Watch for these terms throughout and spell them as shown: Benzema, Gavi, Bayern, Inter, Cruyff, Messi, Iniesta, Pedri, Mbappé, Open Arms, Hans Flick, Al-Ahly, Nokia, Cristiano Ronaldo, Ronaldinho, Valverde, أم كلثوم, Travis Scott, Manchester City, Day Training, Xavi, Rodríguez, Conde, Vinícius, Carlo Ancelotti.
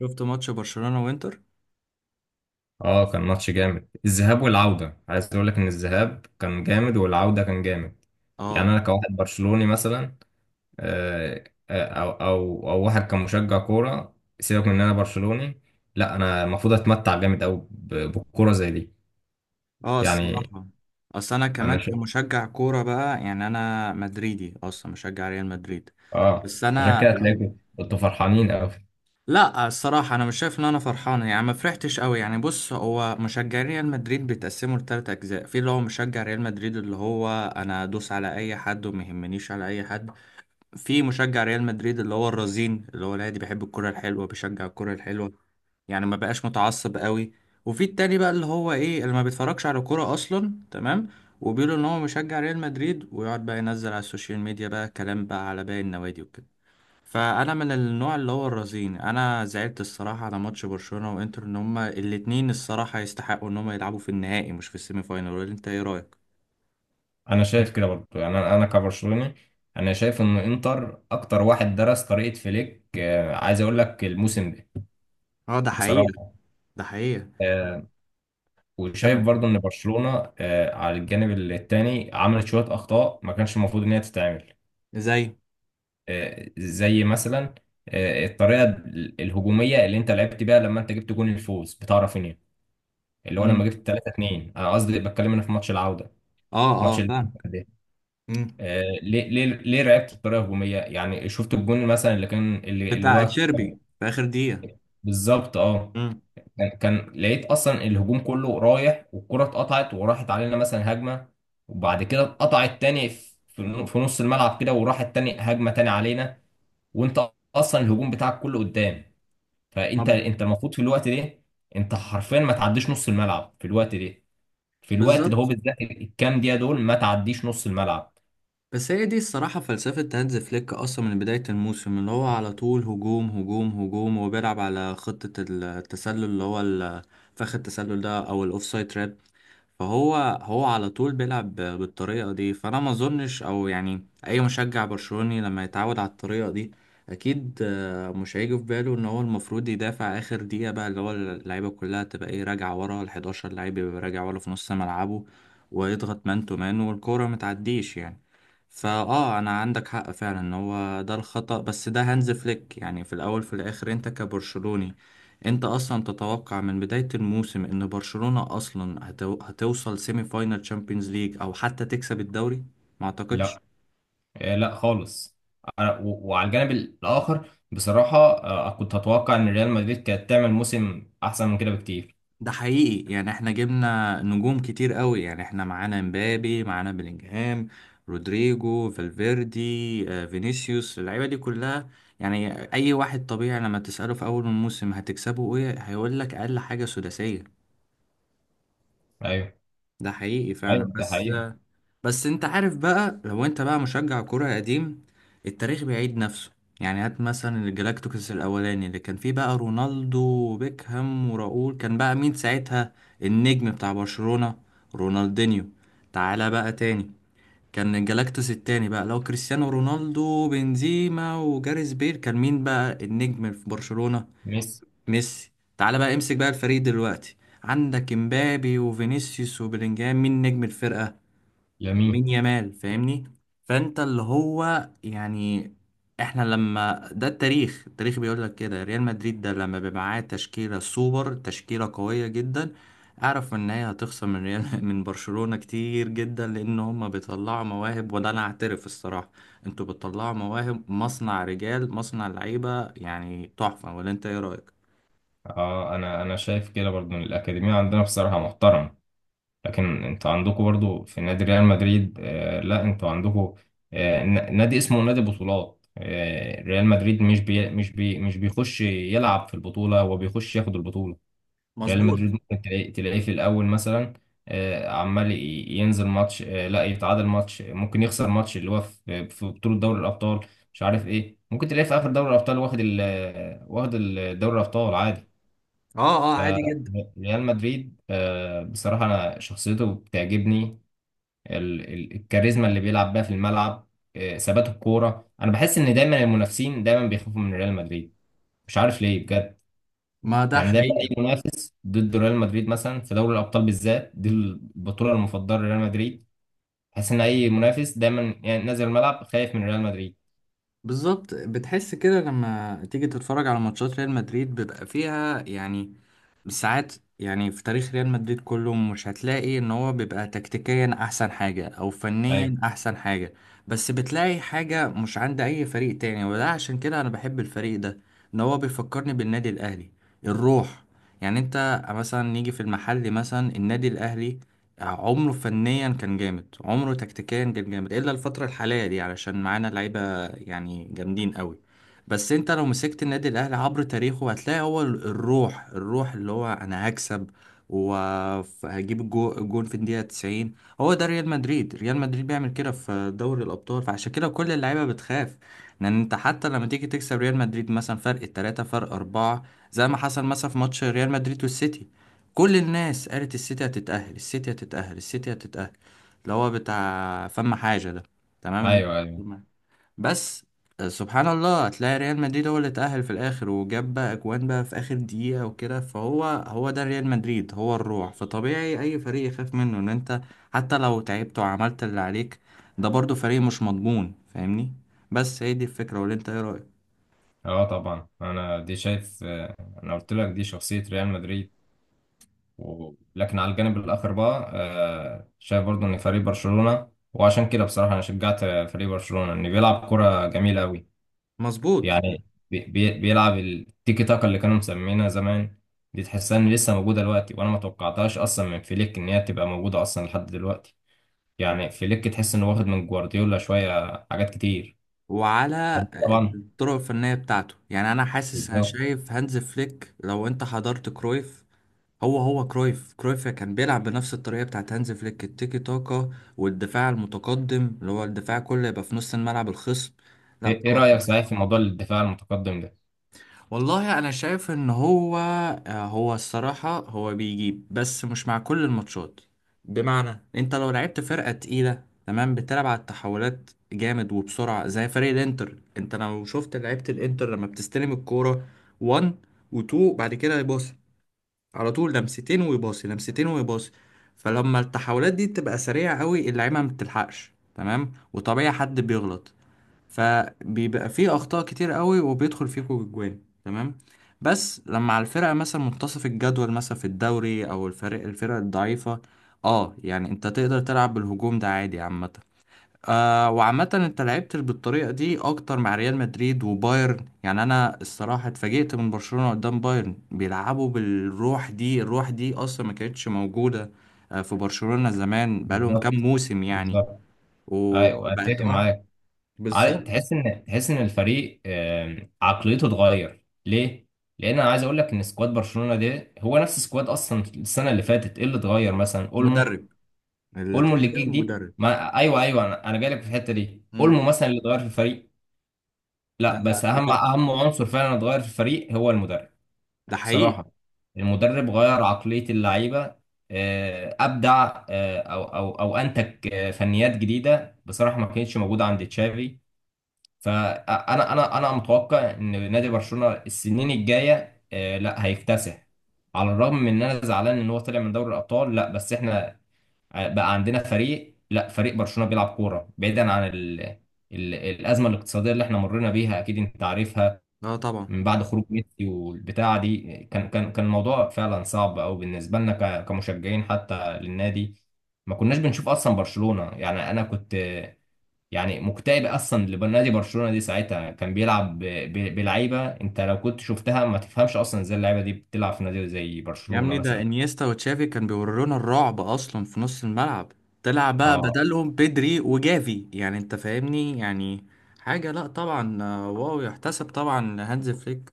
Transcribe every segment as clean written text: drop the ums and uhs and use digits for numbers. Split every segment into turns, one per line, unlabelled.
شفت ماتش برشلونة وانتر؟
اه، كان ماتش جامد، الذهاب والعودة. عايز اقول لك ان الذهاب كان جامد والعودة كان جامد. يعني
اه،
انا كواحد برشلوني مثلا، آه، او او واحد كمشجع كورة. سيبك من ان انا برشلوني، لا انا المفروض اتمتع جامد قوي بالكورة زي دي.
اه،
يعني
الصراحة، اصل انا
انا
كمان
شايف.
كمشجع كورة بقى، يعني انا مدريدي اصلا مشجع ريال مدريد.
اه،
بس
عشان
انا
كده
لم...
هتلاقيكم انتوا فرحانين قوي.
لا، الصراحة انا مش شايف ان انا فرحان، يعني ما فرحتش قوي. يعني بص، هو مشجعين ريال مدريد بيتقسموا لثلاث اجزاء. في اللي هو مشجع ريال مدريد اللي هو، انا ادوس على اي حد وما يهمنيش على اي حد. في مشجع ريال مدريد اللي هو الرزين، اللي هو العادي، بيحب الكرة الحلوة، بيشجع الكرة الحلوة، يعني ما بقاش متعصب قوي. وفي التاني بقى اللي هو ايه، اللي ما بيتفرجش على كورة اصلا، تمام. وبيقولوا ان هو مشجع ريال مدريد ويقعد بقى ينزل على السوشيال ميديا بقى كلام بقى على باقي النوادي وكده. فانا من النوع اللي هو الرزين. انا زعلت الصراحة على ماتش برشلونة وانتر ان هما الاتنين الصراحة يستحقوا ان هما يلعبوا في النهائي مش في السيمي فاينال. ولا انت ايه رأيك؟
انا شايف كده برضه، يعني انا كبرشلوني، انا شايف ان انتر اكتر واحد درس طريقة فليك. عايز اقول لك الموسم ده
اه ده حقيقة.
بصراحة.
ده حقيقة.
آه، وشايف
كمل.
برضو ان برشلونه على الجانب التاني عملت شويه اخطاء ما كانش المفروض ان هي تتعمل.
زي.
زي مثلا الطريقه الهجوميه اللي انت لعبت بيها لما انت جبت جون الفوز بتاع رافينيا، اللي هو
مم.
لما جبت 3-2. انا قصدي بتكلم انا في ماتش العوده،
اه، اه
ماتش ال-
فاهم.
ده
مم.
ليه ليه لعبت بطريقه هجوميه؟ يعني شفت الجون مثلا اللي كان اللي
بتاع
هو كان
تشيربي في اخر دقيقة.
بالظبط. اه،
مم.
كان لقيت اصلا الهجوم كله رايح والكرة اتقطعت وراحت علينا مثلا هجمة، وبعد كده اتقطعت تاني في نص الملعب كده، وراحت تاني هجمة تاني علينا، وانت اصلا الهجوم بتاعك كله قدام. فانت
طب.
انت المفروض في الوقت ده، انت حرفيا ما تعديش نص الملعب في الوقت ده. في الوقت ده هو
بالظبط.
بالذات، الكام دقيقة دول ما تعديش نص الملعب.
بس هي دي الصراحة فلسفة هانز فليك أصلا من بداية الموسم، اللي هو على طول هجوم هجوم هجوم وبيلعب على خطة التسلل، فخ التسلل ده أو الأوفسايد تراب. فهو على طول بيلعب بالطريقة دي، فأنا ما أظنش أو يعني أي مشجع برشلوني لما يتعود على الطريقة دي أكيد، مش هيجي في باله إن هو المفروض يدافع آخر دقيقة بقى، اللي هو اللعيبة كلها تبقى إيه راجعة ورا، ال 11 لعيب يبقى راجع ورا في نص ملعبه، ويضغط مان تو مان، والكورة متعديش يعني. أنا عندك حق فعلا إن هو ده الخطأ، بس ده هانز فليك، يعني في الأول في الآخر أنت كبرشلوني انت اصلا تتوقع من بداية الموسم ان برشلونة اصلا هتوصل سيمي فاينال تشامبيونز ليج او حتى تكسب الدوري؟ ما اعتقدش.
لا، لا خالص. وعلى الجانب الاخر بصراحة، كنت اتوقع ان ريال مدريد كانت تعمل موسم احسن من كده بكتير.
ده حقيقي، يعني احنا جبنا نجوم كتير قوي، يعني احنا معانا مبابي، معانا بلينجهام، رودريجو، فالفيردي، فينيسيوس، اللعيبة دي كلها. يعني اي واحد طبيعي لما تسأله في اول الموسم هتكسبه ايه، هيقول لك اقل حاجة سداسية.
ايوه.
ده حقيقي فعلا.
ايوه، ده
بس
حقيقة.
بس انت عارف بقى، لو انت بقى مشجع كرة قديم، التاريخ بيعيد نفسه. يعني هات مثلا الجلاكتيكوس الاولاني اللي كان فيه بقى رونالدو وبيكهام وراؤول. كان بقى مين ساعتها النجم بتاع برشلونة؟ رونالدينيو. تعالى بقى تاني، كان الجلاكتيكوس التاني بقى لو كريستيانو رونالدو بنزيما وجاريث بيل، كان مين بقى النجم في برشلونة؟
ميسي.
ميسي. تعالى بقى امسك بقى الفريق دلوقتي، عندك امبابي وفينيسيوس وبيلينجهام، مين نجم الفرقة؟
يمين.
مين؟ يامال. فاهمني؟ فانت اللي هو يعني، احنا لما، ده التاريخ، التاريخ بيقول لك كده. ريال مدريد ده لما بيبقى معاه تشكيله سوبر، تشكيله قويه جدا، اعرف ان هي هتخسر من ريال من برشلونه كتير جدا، لان هم بيطلعوا مواهب. وده انا اعترف الصراحه، انتوا بتطلعوا مواهب، مصنع رجال، مصنع لعيبه، يعني تحفه. ولا انت ايه رايك؟
اه، انا شايف كده برضو إن الاكاديميه عندنا بصراحه محترم، لكن انتوا عندكم برضو في نادي ريال مدريد. آه لا، انتوا عندكم آه نادي اسمه نادي بطولات، آه ريال مدريد مش بيخش يلعب في البطوله، هو بيخش ياخد البطوله. ريال
مظبوط.
مدريد ممكن تلاقيه في الأول مثلا عمال ينزل ماتش، لا يتعادل ماتش، ممكن يخسر ماتش، اللي هو في في بطولة دوري الأبطال، مش عارف إيه. ممكن تلاقيه في آخر دوري الأبطال واخد ال واخد دوري الأبطال عادي.
اه، اه عادي جدا.
فريال مدريد بصراحة أنا شخصيته بتعجبني، الكاريزما اللي بيلعب بيها في الملعب، ثبات الكورة. أنا بحس إن دايما المنافسين دايما بيخافوا من ريال مدريد، مش عارف ليه بجد.
ما ده
يعني دايما
حقيقي.
اي منافس ضد ريال مدريد، مثلا في دوري الابطال بالذات، دي البطوله المفضله لريال مدريد، تحس ان اي منافس دايما يعني نازل الملعب خايف من ريال مدريد.
بالظبط، بتحس كده لما تيجي تتفرج على ماتشات ريال مدريد، بيبقى فيها يعني ساعات، يعني في تاريخ ريال مدريد كله مش هتلاقي ان هو بيبقى تكتيكيا احسن حاجة او
ايوه،
فنيا احسن حاجة، بس بتلاقي حاجة مش عند اي فريق تاني، وده عشان كده انا بحب الفريق ده، ان هو بيفكرني بالنادي الاهلي. الروح. يعني انت مثلا نيجي في المحل مثلا النادي الاهلي عمره فنيا كان جامد، عمره تكتيكيا كان جامد، الا الفترة الحالية دي علشان معانا لعيبة يعني جامدين قوي. بس انت لو مسكت النادي الاهلي عبر تاريخه، هتلاقي هو الروح، الروح اللي هو انا هكسب وهجيب الجون في الدقيقة 90. هو ده ريال مدريد، ريال مدريد بيعمل كده في دوري الابطال، فعشان كده كل اللعيبة بتخاف. لان انت حتى لما تيجي تكسب ريال مدريد مثلا فرق التلاتة فرق اربعة، زي ما حصل مثلا في ماتش ريال مدريد والسيتي، كل الناس قالت السيتي هتتأهل، السيتي هتتأهل، السيتي هتتأهل، اللي هو بتاع فم حاجة ده. تمام.
ايوه، ايوه.
بس سبحان الله هتلاقي ريال مدريد هو اللي اتأهل في الآخر وجاب بقى أجوان بقى في آخر دقيقة وكده. فهو هو ده ريال مدريد، هو الروح، فطبيعي أي فريق يخاف منه. إن أنت حتى لو تعبت وعملت اللي عليك، ده برضو فريق مش مضمون، فاهمني؟ بس هي دي الفكرة، ولا أنت إيه رأيك؟
اه طبعا، انا دي شايف. انا قلت لك دي شخصيه ريال مدريد. لكن على الجانب الاخر بقى، شايف برضو ان فريق برشلونه، وعشان كده بصراحه انا شجعت فريق برشلونه ان بيلعب كره جميله قوي.
مظبوط.
يعني بيلعب التيكي تاكا اللي كانوا مسمينها زمان، دي تحسها ان لسه موجوده دلوقتي، وانا ما توقعتهاش اصلا من فليك ان هي تبقى موجوده اصلا لحد دلوقتي. يعني فليك تحس انه واخد من جوارديولا شويه حاجات كتير.
وعلى
طبعا.
الطرق الفنية بتاعته يعني، أنا حاسس، أنا
بالظبط.
شايف هانز فليك لو أنت حضرت كرويف، هو كرويف كان بيلعب بنفس الطريقة بتاعت هانز فليك، التيكي تاكا والدفاع المتقدم، اللي هو الدفاع كله يبقى في نص الملعب الخصم. لا
ايه، إيه
طبعا.
رايك صحيح في موضوع الدفاع المتقدم ده؟
والله انا شايف ان هو، هو الصراحة هو بيجيب بس مش مع كل الماتشات. بمعنى انت لو لعبت فرقة تقيلة تمام، بتلعب على التحولات جامد وبسرعة زي فريق الانتر. انت لو شفت لعيبة الانتر لما بتستلم الكورة 1 و2، بعد كده يبص على طول لمستين ويباصي، لمستين ويباصي. فلما التحولات دي بتبقى سريعة قوي، اللعيبة ما بتلحقش تمام، وطبيعي حد بيغلط، فبيبقى فيه أخطاء كتير قوي وبيدخل فيكوا الجوان. تمام. بس لما على الفرقة مثلا منتصف الجدول مثلا في الدوري أو الفرق الضعيفة، اه يعني انت تقدر تلعب بالهجوم ده عادي عامة. وعامة انت لعبت بالطريقة دي اكتر مع ريال مدريد وبايرن، يعني انا الصراحة اتفاجئت من برشلونة قدام بايرن بيلعبوا بالروح دي، الروح دي اصلا ما كانتش موجودة في برشلونة زمان بقالهم كام
بالظبط.
موسم يعني.
بالظبط. ايوه
وبقت
اتفق
اه.
معاك.
بالظبط.
تحس ان الفريق عقليته اتغير ليه، لان انا عايز اقول لك ان سكواد برشلونه ده هو نفس سكواد اصلا السنه اللي فاتت. ايه اللي اتغير؟ مثلا اولمو.
مدرب. اللي
اولمو اللي جه
اتغير
جديد
مدرب.
ما، ايوه ايوه، انا جاي لك في الحته دي.
مم.
اولمو مثلا اللي اتغير في الفريق.
لا،
لا
لا،
بس اهم
لا،
اهم عنصر فعلا اتغير في الفريق هو المدرب.
ده حقيقي.
صراحه، المدرب غير عقليه اللعيبه، ابدع، او او انتج فنيات جديده بصراحه ما كانتش موجوده عند تشافي. فانا انا متوقع ان نادي برشلونه السنين الجايه لا هيكتسح. على الرغم من ان انا زعلان ان هو طلع من دوري الابطال، لا بس احنا بقى عندنا فريق، لا، فريق برشلونة بيلعب كورة بعيدا عن الأزمة الاقتصادية اللي احنا مرينا بيها، أكيد أنت عارفها.
اه طبعا.
من بعد خروج ميسي والبتاعة دي، كان الموضوع فعلا صعب أوي بالنسبة لنا كمشجعين حتى للنادي. ما كناش بنشوف أصلا برشلونة، يعني أنا كنت يعني مكتئب أصلا لنادي برشلونة، دي ساعتها كان بيلعب بلعيبة أنت لو كنت شفتها ما تفهمش أصلا إزاي اللعيبة دي بتلعب في نادي زي
يا
برشلونة
ابني ده
مثلا.
انيستا وتشافي كان بيورونا الرعب اصلا في نص الملعب. طلع بقى
اه.
بدلهم بيدري وجافي، يعني انت فاهمني يعني، حاجة، لا طبعا، واو يحتسب طبعا هانز فليك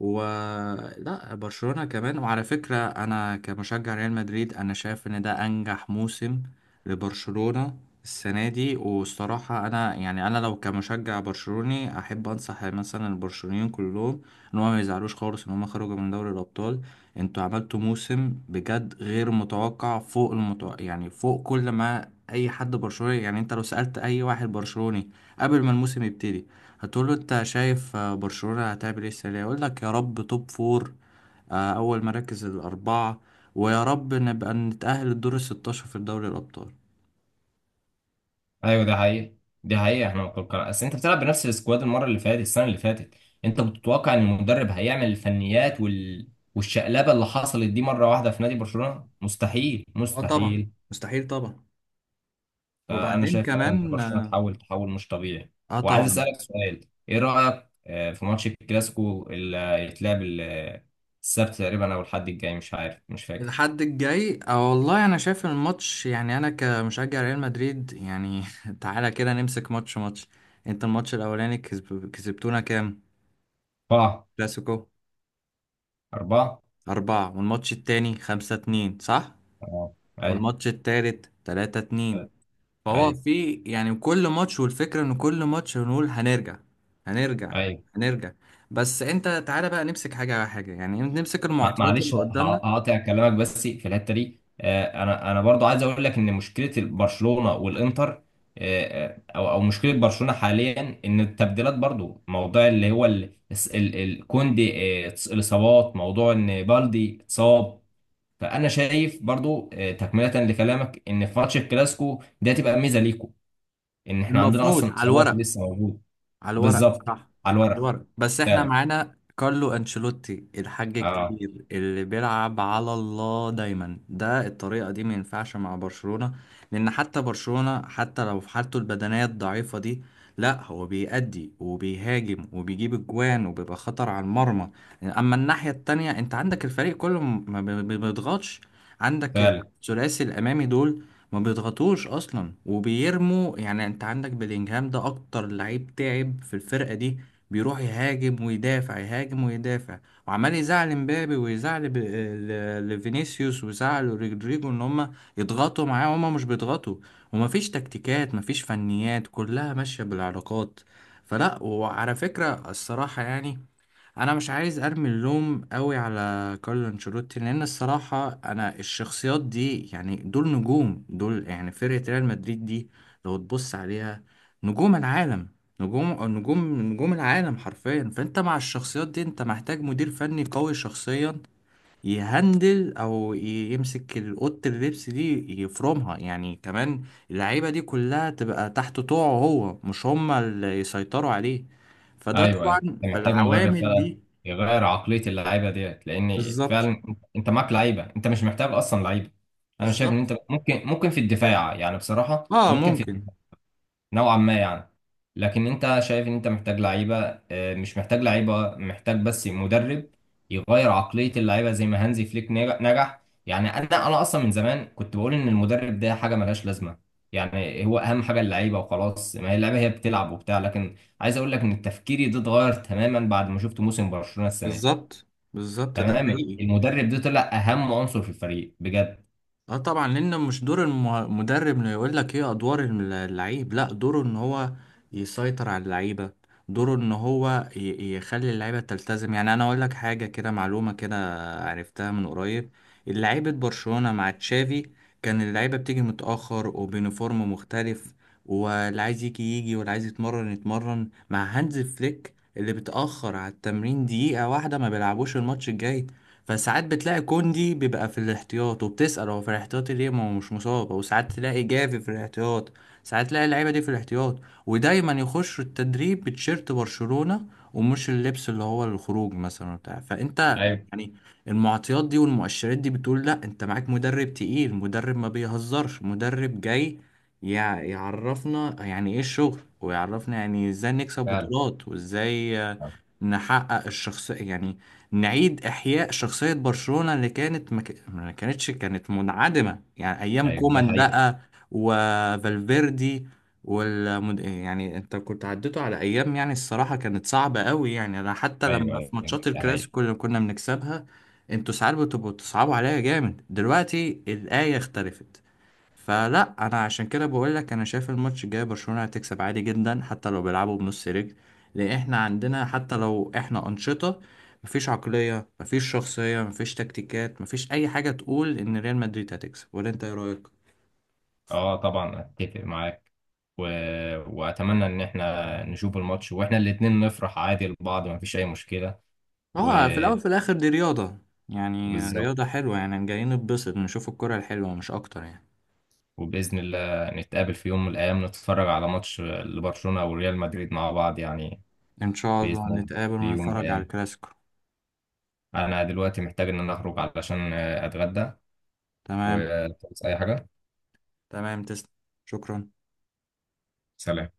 ولا برشلونة كمان. وعلى فكرة أنا كمشجع ريال مدريد أنا شايف إن ده أنجح موسم لبرشلونة السنة دي. والصراحة أنا يعني أنا لو كمشجع برشلوني أحب أنصح مثلا البرشلونيين كلهم إن هم ما يزعلوش خالص إن هم خرجوا من دوري الأبطال. أنتوا عملتوا موسم بجد غير متوقع، فوق المتوقع، يعني فوق كل ما أي حد برشلوني يعني أنت لو سألت أي واحد برشلوني قبل ما الموسم يبتدي، هتقول له انت شايف برشلونة هتعمل ايه السنة دي، يقول لك يا رب توب فور، اول مراكز الاربعة، ويا رب نبقى نتأهل الدور الستاشر في دوري الابطال.
ايوه دي حقيقة. دي حقيقة، احنا متوقع اصل انت بتلعب بنفس السكواد المرة اللي فاتت، السنة اللي فاتت انت بتتوقع ان المدرب هيعمل الفنيات والشقلبة اللي حصلت دي مرة واحدة في نادي برشلونة مستحيل
اه طبعا.
مستحيل.
مستحيل طبعا.
فانا
وبعدين
شايف فعلا ان
كمان
برشلونة
اه،
تحول، تحول مش طبيعي. وعايز
طبعا.
اسألك سؤال: ايه رأيك في ماتش الكلاسيكو اللي هيتلعب السبت تقريبا او الحد الجاي، مش عارف، مش فاكر؟
الحد الجاي، اه والله انا شايف الماتش، يعني انا كمشجع ريال مدريد يعني تعالى كده نمسك ماتش ماتش. انت الماتش الاولاني كسبتونا كام؟
اربعة.
كلاسيكو.
اربعة.
أربعة. والماتش التاني 5-2 صح؟
اه. ايوه.
والماتش التالت 3-2. فهو
ايوه.
في يعني كل ماتش، والفكرة ان كل ماتش بنقول هنرجع، هنرجع،
ايوه.
هنرجع. بس انت تعالى بقى نمسك حاجة على حاجة، يعني نمسك المعطيات اللي
معلش
قدامنا.
هقاطع كلامك بس في الحته دي، انا برضو عايز اقول لك ان مشكله برشلونه والانتر، او او مشكله برشلونه حاليا ان التبديلات، برضو موضوع اللي هو كوندي، الاصابات، موضوع ان بالدي اتصاب. فانا شايف برضو تكمله لكلامك، ان في ماتش الكلاسيكو ده تبقى ميزه ليكو، ان احنا عندنا
المفروض
اصلا
على
اصابات
الورق،
لسه موجوده.
على الورق صح،
بالظبط.
على
على الورق.
الورق، بس احنا
فعلا.
معانا كارلو انشيلوتي الحاج
اه،
الكبير اللي بيلعب على الله دايما، ده الطريقة دي ما ينفعش مع برشلونة. لان حتى برشلونة حتى لو في حالته البدنية الضعيفة دي، لا هو بيأدي وبيهاجم وبيجيب اجوان وبيبقى خطر على المرمى. اما الناحية التانية انت عندك الفريق كله ما بيضغطش. عندك
فعلا.
الثلاثي الامامي دول ما بيضغطوش اصلا وبيرموا. يعني انت عندك بلينجهام ده اكتر لعيب تعب في الفرقه دي، بيروح يهاجم ويدافع، يهاجم ويدافع، وعمال يزعل مبابي ويزعل لفينيسيوس ويزعل رودريجو ان هم يضغطوا معاه، وهم مش بيضغطوا. ومفيش تكتيكات، مفيش فنيات، كلها ماشيه بالعلاقات. فلا، وعلى فكره الصراحه يعني، انا مش عايز ارمي اللوم قوي على كارلو انشيلوتي، لان الصراحه انا الشخصيات دي، يعني دول نجوم، دول يعني فرقه ريال مدريد دي لو تبص عليها نجوم العالم، نجوم نجوم العالم حرفيا. فانت مع الشخصيات دي انت محتاج مدير فني قوي شخصيا يهندل او يمسك اوضه اللبس دي يفرمها يعني كمان، اللعيبه دي كلها تبقى تحت طوعه، هو مش هما اللي يسيطروا عليه. فده
ايوه ايوه،
طبعا
انت محتاج مدرب
فالعوامل
فعلا
دي.
يغير عقليه اللعيبه ديت، لان
بالظبط.
فعلا انت معاك لعيبه، انت مش محتاج اصلا لعيبه. انا شايف ان
بالظبط.
انت ممكن، ممكن في الدفاع يعني بصراحه،
اه،
ممكن في
ممكن.
نوعا ما يعني، لكن انت شايف ان انت محتاج لعيبه، مش محتاج لعيبه، محتاج بس مدرب يغير عقليه اللعيبه زي ما هانزي فليك نجح. يعني انا اصلا من زمان كنت بقول ان المدرب ده حاجه ملهاش لازمه، يعني هو اهم حاجه اللعيبه وخلاص، ما هي اللعيبه هي بتلعب وبتاع. لكن عايز اقول لك ان تفكيري ده اتغير تماما بعد ما شفت موسم برشلونه السنه دي.
بالظبط. بالظبط، ده
تماما،
حقيقي.
المدرب ده طلع اهم عنصر في الفريق بجد.
اه طبعا، لان مش دور المدرب انه يقول لك ايه ادوار اللعيب. لا دوره ان هو يسيطر على اللعيبه، دوره ان هو يخلي اللعيبه تلتزم. يعني انا اقول لك حاجه كده معلومه كده، عرفتها من قريب، لعيبه برشلونه مع تشافي كان اللعيبه بتيجي متاخر وبيونيفورم مختلف، واللي عايز يجي يجي، واللي عايز يتمرن يتمرن. مع هانز فليك اللي بتأخر على التمرين دقيقة واحدة ما بيلعبوش الماتش الجاي. فساعات بتلاقي كوندي بيبقى في الاحتياط، وبتسأل هو في الاحتياط ليه ما هو مش مصاب، وساعات تلاقي جافي في الاحتياط، ساعات تلاقي اللعيبة دي في الاحتياط. ودايما يخشوا التدريب بتشيرت برشلونة، ومش اللبس اللي هو الخروج مثلا بتاع فانت،
ايوه
يعني. المعطيات دي والمؤشرات دي بتقول لا انت معاك مدرب تقيل، مدرب ما بيهزرش، مدرب جاي يعرفنا يعني ايه الشغل، ويعرفنا يعني ازاي نكسب
فعلا.
بطولات، وازاي نحقق الشخصية يعني، نعيد إحياء شخصية برشلونة اللي كانت ما كانتش، كانت منعدمة يعني أيام
ايوه دي
كومان
حقيقه.
بقى وفالفيردي يعني أنت كنت عديته على أيام يعني الصراحة كانت صعبة قوي. يعني أنا حتى
ايوه
لما
ايوه
في
دي
ماتشات
حقيقه.
الكلاسيكو اللي كنا بنكسبها أنتوا ساعات بتبقوا تصعبوا عليا جامد، دلوقتي الآية اختلفت. فلا انا عشان كده بقول لك انا شايف الماتش الجاي برشلونة هتكسب عادي جدا، حتى لو بيلعبوا بنص رجل. لان احنا عندنا حتى لو احنا انشطة، مفيش عقلية، مفيش شخصية، مفيش تكتيكات، مفيش اي حاجة تقول ان ريال مدريد هتكسب. ولا انت ايه رأيك؟
اه طبعا اتفق معاك. و... واتمنى ان احنا نشوف الماتش واحنا الاتنين نفرح عادي لبعض، مفيش اي مشكلة.
اه في
وبالظبط.
الاول في الاخر دي رياضة، يعني رياضة حلوة، يعني جايين نتبسط نشوف الكرة الحلوة مش اكتر يعني.
وباذن الله نتقابل في يوم من الايام، نتفرج على ماتش لبرشلونة او ريال مدريد مع بعض يعني.
ان شاء الله
باذن الله،
نتقابل
في يوم من
ونتفرج على
الايام.
الكلاسيكو.
انا دلوقتي محتاج ان انا اخرج علشان اتغدى.
تمام.
وتنسى اي حاجة.
تمام. تسلم. شكرا.
سلام.